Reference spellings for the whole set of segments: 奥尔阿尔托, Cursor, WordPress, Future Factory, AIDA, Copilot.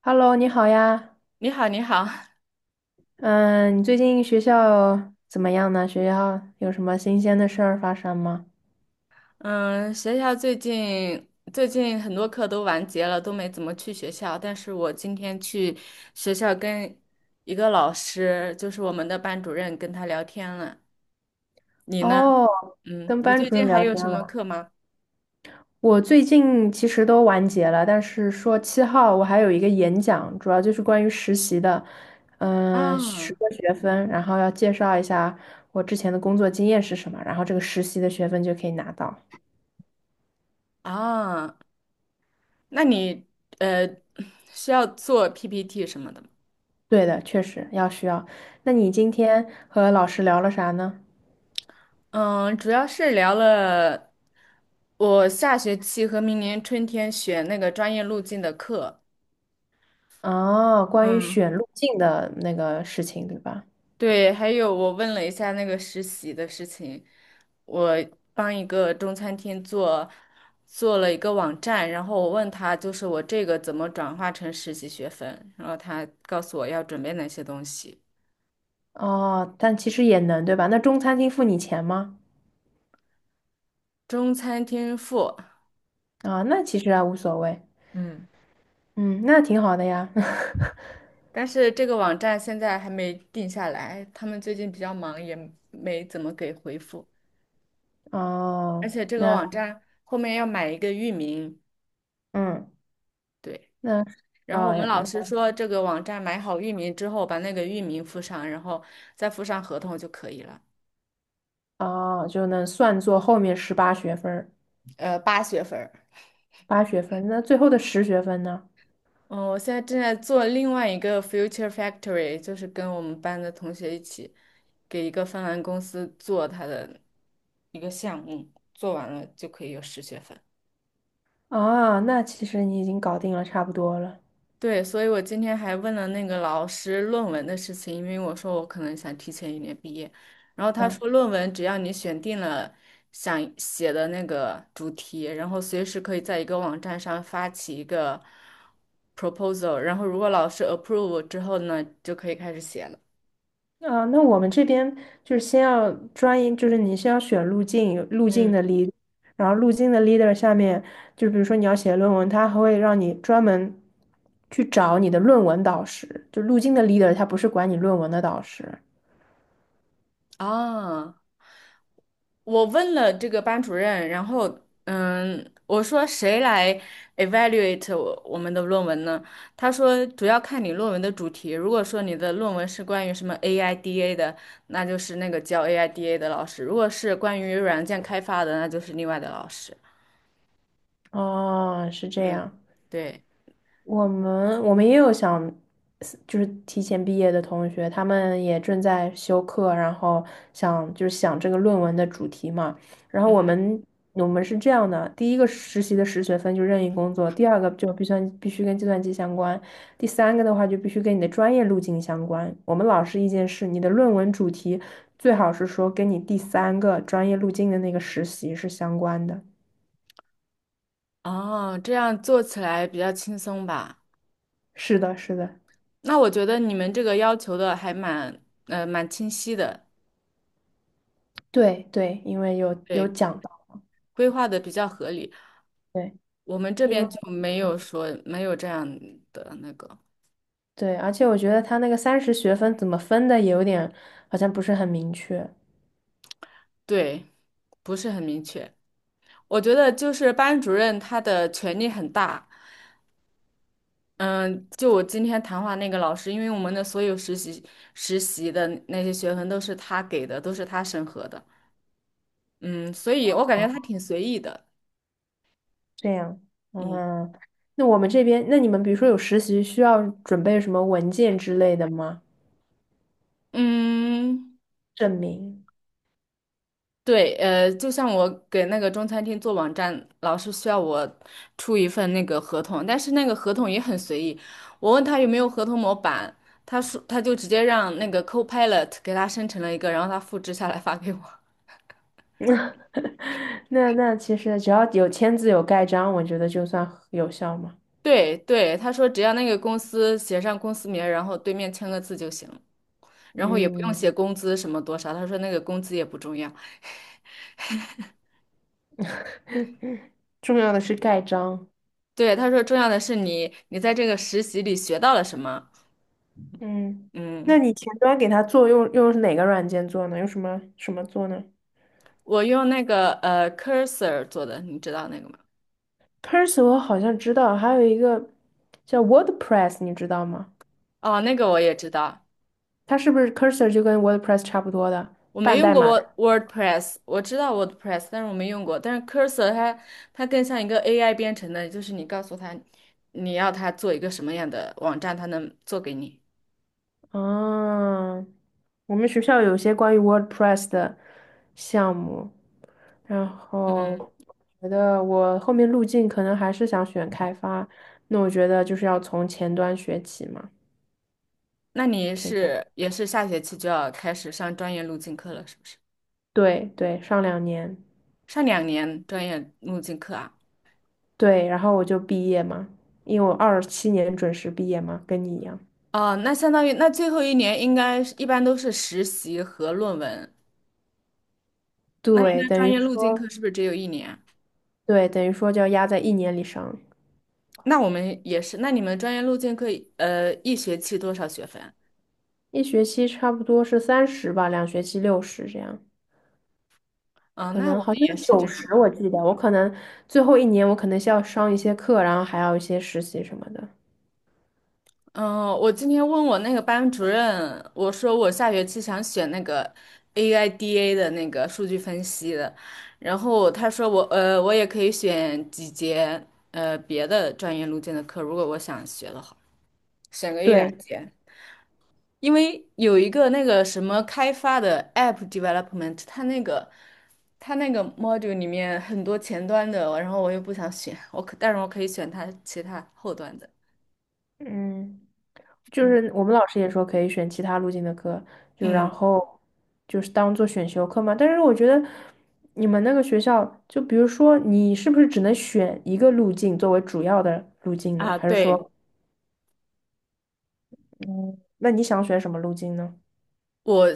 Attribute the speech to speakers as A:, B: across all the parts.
A: Hello，你好呀。
B: 你好，你好，
A: 嗯，你最近学校怎么样呢？学校有什么新鲜的事儿发生吗？
B: 嗯，学校最近很多课都完结了，都没怎么去学校。但是我今天去学校跟一个老师，就是我们的班主任，跟他聊天了。你呢？
A: 哦，
B: 嗯，
A: 跟
B: 你
A: 班
B: 最
A: 主
B: 近
A: 任
B: 还
A: 聊
B: 有
A: 天
B: 什么
A: 了。
B: 课吗？
A: 我最近其实都完结了，但是说七号我还有一个演讲，主要就是关于实习的，嗯，十
B: 啊
A: 个学分，然后要介绍一下我之前的工作经验是什么，然后这个实习的学分就可以拿到。
B: 啊，那你呃需要做 PPT 什么的吗？
A: 对的，确实需要。那你今天和老师聊了啥呢？
B: 嗯，主要是聊了我下学期和明年春天选那个专业路径的课。
A: 哦，关于
B: 嗯。
A: 选路径的那个事情，对吧？
B: 对，还有我问了一下那个实习的事情，我帮一个中餐厅做了一个网站，然后我问他就是我这个怎么转化成实习学分，然后他告诉我要准备哪些东西，
A: 哦，但其实也能，对吧？那中餐厅付你钱吗？
B: 中餐厅付，
A: 啊，那其实还无所谓。
B: 嗯，
A: 嗯，那挺好的呀。
B: 但是这个网站现在还没定下来，他们最近比较忙，也没怎么给回复，而
A: 哦，
B: 且这个
A: 那
B: 网站后面要买一个域名。
A: 嗯，
B: 对。
A: 那
B: 然后我
A: 啊，
B: 们老
A: 那
B: 师说，这个网站买好域名之后，把那个域名附上，然后再附上合同就可以了。
A: 哦，就能算作后面十八学分儿
B: 8学分儿。
A: 八学分。那最后的十学分呢？
B: 嗯，我现在正在做另外一个 Future Factory，就是跟我们班的同学一起给一个芬兰公司做他的一个项目，做完了就可以有十学分。
A: 啊，那其实你已经搞定了，差不多了。
B: 对，所以我今天还问了那个老师论文的事情，因为我说我可能想提前一年毕业，然后他
A: 嗯。
B: 说论文只要你选定了想写的那个主题，然后随时可以在一个网站上发起一个 proposal，然后如果老师 approve 之后呢，就可以开始写了。
A: 啊，那我们这边就是先要专一，就是你先要选路径，有路径
B: 嗯，
A: 的 lead，e r 然后路径的 leader 下面，就比如说你要写论文，他还会让你专门去找你的论文导师，就路径的 leader,他不是管你论文的导师。
B: 啊。我问了这个班主任，然后嗯，我说谁来 evaluate 我们的论文呢？他说主要看你论文的主题，如果说你的论文是关于什么 AIDA 的，那就是那个教 AIDA 的老师；如果是关于软件开发的，那就是另外的老师。
A: 哦，是这样。
B: 嗯，对，
A: 我们也有想，就是提前毕业的同学，他们也正在修课，然后想就是想这个论文的主题嘛。然后我
B: 嗯，
A: 们我们是这样的，第一个实习的实学分就任意工作，第二个就必须跟计算机相关，第三个的话就必须跟你的专业路径相关。我们老师意见是，你的论文主题最好是说跟你第三个专业路径的那个实习是相关的。
B: 哦，这样做起来比较轻松吧？
A: 是的，是的。
B: 那我觉得你们这个要求的还蛮清晰的，
A: 对对，因为有
B: 对，
A: 讲到。
B: 规划的比较合理。
A: 对。
B: 我们这
A: 因为。
B: 边就没
A: 嗯
B: 有说没有这样的那个，
A: 对，而且我觉得他那个30学分怎么分的也有点，好像不是很明确。
B: 对，不是很明确。我觉得就是班主任他的权力很大，嗯，就我今天谈话那个老师，因为我们的所有实习的那些学分都是他给的，都是他审核的，嗯，所以我感觉他挺随意的，
A: 这样，
B: 嗯
A: 嗯，那我们这边，那你们比如说有实习需要准备什么文件之类的吗？
B: 嗯。
A: 证明？
B: 对，就像我给那个中餐厅做网站，老是需要我出一份那个合同，但是那个合同也很随意。我问他有没有合同模板，他说他就直接让那个 Copilot 给他生成了一个，然后他复制下来发给我。
A: 那其实只要有签字有盖章，我觉得就算有效嘛。
B: 对对，他说只要那个公司写上公司名儿然后对面签个字就行了，然后也不用
A: 嗯。
B: 写工资什么多少。他说那个工资也不重要，
A: 重要的是盖章。
B: 对，他说重要的是你在这个实习里学到了什么。
A: 嗯，那
B: 嗯，
A: 你前端给他做用哪个软件做呢？用什么做呢？
B: 我用那个Cursor 做的，你知道那个吗？
A: Cursor 我好像知道，还有一个叫 WordPress,你知道吗？
B: 哦，那个我也知道，
A: 它是不是 Cursor 就跟 WordPress 差不多的
B: 我没
A: 半
B: 用
A: 代
B: 过
A: 码的？
B: WordPress，我知道 WordPress，但是我没用过。但是 Cursor 它更像一个 AI 编程的，就是你告诉它你要它做一个什么样的网站，它能做给你。
A: 啊，我们学校有些关于 WordPress 的项目，然
B: 嗯，
A: 后觉得我后面路径可能还是想选开发，那我觉得就是要从前端学起嘛。
B: 那你
A: 前端，
B: 是也是下学期就要开始上专业路径课了，是不是？
A: 对对，上两年，
B: 上2年专业路径课啊？
A: 对，然后我就毕业嘛，因为我27年准时毕业嘛，跟你一样。
B: 哦，那相当于那最后一年应该是一般都是实习和论文。那应
A: 对，
B: 该
A: 等
B: 专
A: 于
B: 业路径课
A: 说
B: 是不是只有一年？
A: 对，等于说就要压在一年里上。
B: 那我们也是，那你们专业路径课一学期多少学分？
A: 一学期差不多是三十吧，2学期60这样，
B: 嗯，
A: 可
B: 那
A: 能
B: 我们
A: 好像
B: 也
A: 是
B: 是这
A: 九
B: 样
A: 十，我
B: 的。
A: 记得我可能最后一年我可能需要上一些课，然后还要一些实习什么的。
B: 嗯，我今天问我那个班主任，我说我下学期想选那个 AIDA 的那个数据分析的，然后他说我也可以选几节别的专业路径的课，如果我想学的话，选个一两
A: 对。
B: 节。因为有一个那个什么开发的 app development，它那个 module 里面很多前端的，然后我又不想选，但是我可以选它其他后端的。
A: 嗯，就
B: 嗯，
A: 是我们老师也说可以选其他路径的课，就然
B: 嗯
A: 后就是当做选修课嘛。但是我觉得你们那个学校，就比如说你是不是只能选一个路径作为主要的路径呢？
B: 啊，
A: 还是
B: 对，
A: 说，嗯，那你想选什么路径呢？
B: 我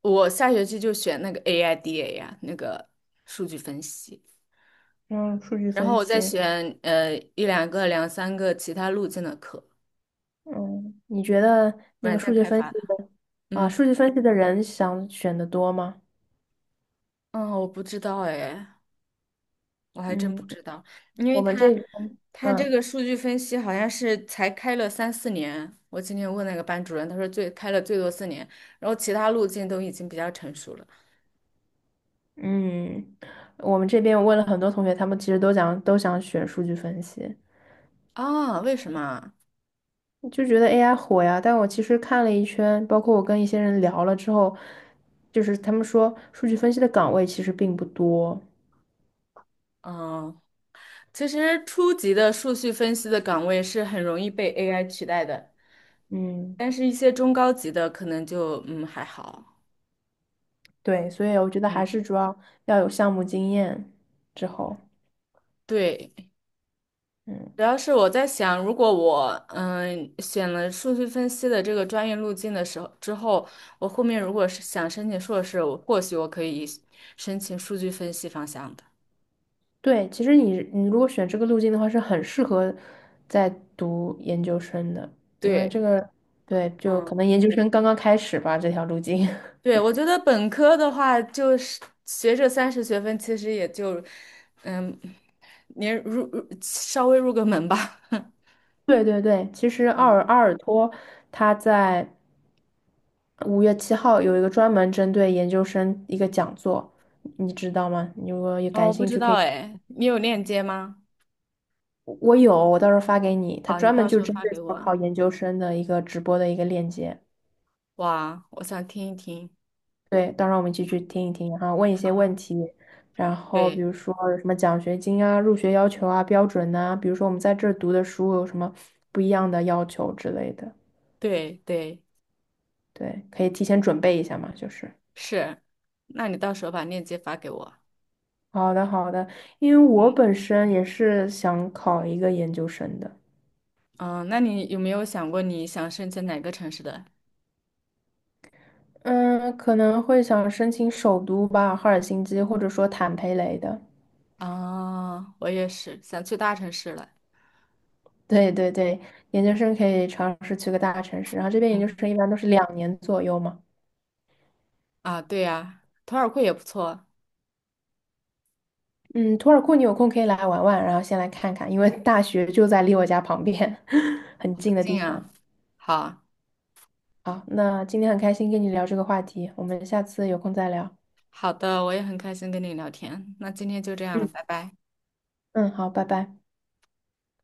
B: 我下学期就选那个 AIDA 呀、那个数据分析，
A: 嗯，数据
B: 然后
A: 分
B: 我再
A: 析。
B: 选一两个、两三个其他路径的课，
A: 嗯，你觉得那
B: 软
A: 个
B: 件
A: 数据
B: 开
A: 分
B: 发
A: 析
B: 的。
A: 的啊，
B: 嗯
A: 数据分析的人想选的多吗？
B: 嗯，我不知道哎，我还真不
A: 嗯，
B: 知道，因为
A: 我们
B: 他
A: 这边。
B: 他这
A: 嗯
B: 个数据分析好像是才开了三四年。我今天问那个班主任，他说最开了最多四年，然后其他路径都已经比较成熟了。
A: 嗯，我们这边我问了很多同学，他们其实都想选数据分析，
B: 啊，为什么啊？
A: 就觉得 AI 火呀。但我其实看了一圈，包括我跟一些人聊了之后，就是他们说数据分析的岗位其实并不多。
B: 嗯，其实初级的数据分析的岗位是很容易被 AI 取代的，
A: 嗯。
B: 但是一些中高级的可能就还好。
A: 对，所以我觉得
B: 嗯，
A: 还是主要要有项目经验之后。
B: 对。主
A: 嗯。
B: 要是我在想，如果我选了数据分析的这个专业路径的时候之后，我后面如果是想申请硕士，或许我可以申请数据分析方向的。
A: 对，其实你如果选这个路径的话，是很适合在读研究生的，因为这
B: 对，
A: 个。对，就可
B: 嗯，
A: 能研究生刚刚开始吧，这条路径。
B: 对，我觉得本科的话，就是学这30学分，其实也就嗯，你入稍微入个门吧。
A: 对对对，其实奥
B: 嗯
A: 尔阿尔托他在5月7号有一个专门针对研究生一个讲座，你知道吗？你如果有
B: 哦，
A: 感
B: 我不
A: 兴
B: 知
A: 趣，可
B: 道
A: 以。
B: 哎，你有链接吗？
A: 我有，我到时候发给你。他
B: 好，你
A: 专门
B: 到时
A: 就
B: 候
A: 针
B: 发
A: 对
B: 给
A: 考
B: 我。
A: 考研究生的一个直播的一个链接。
B: 哇，我想听一听。
A: 对，到时候我们一起去听一听，然后问一些
B: 啊，
A: 问题，然后比
B: 对
A: 如说有什么奖学金啊、入学要求啊、标准呐、比如说我们在这儿读的书有什么不一样的要求之类的。
B: 对对。
A: 对，可以提前准备一下嘛，就是。
B: 是，那你到时候把链接发给我。
A: 好的，好的，因为我本身也是想考一个研究生的。
B: 嗯，那你有没有想过你想申请哪个城市的？
A: 嗯，可能会想申请首都吧，赫尔辛基或者说坦佩雷的。
B: 啊，我也是想去大城市了。
A: 对对对，研究生可以尝试去个大城市，然后这边研究
B: 嗯，
A: 生一般都是2年左右嘛。
B: 啊，对呀，图尔库也不错，
A: 嗯，图尔库你有空可以来玩玩，然后先来看看，因为大学就在离我家旁边，很
B: 好
A: 近的地
B: 近
A: 方。
B: 啊。好，
A: 好，那今天很开心跟你聊这个话题，我们下次有空再聊。
B: 好的，我也很开心跟你聊天。那今天就这样了，
A: 嗯。
B: 拜拜。
A: 嗯，好，拜拜。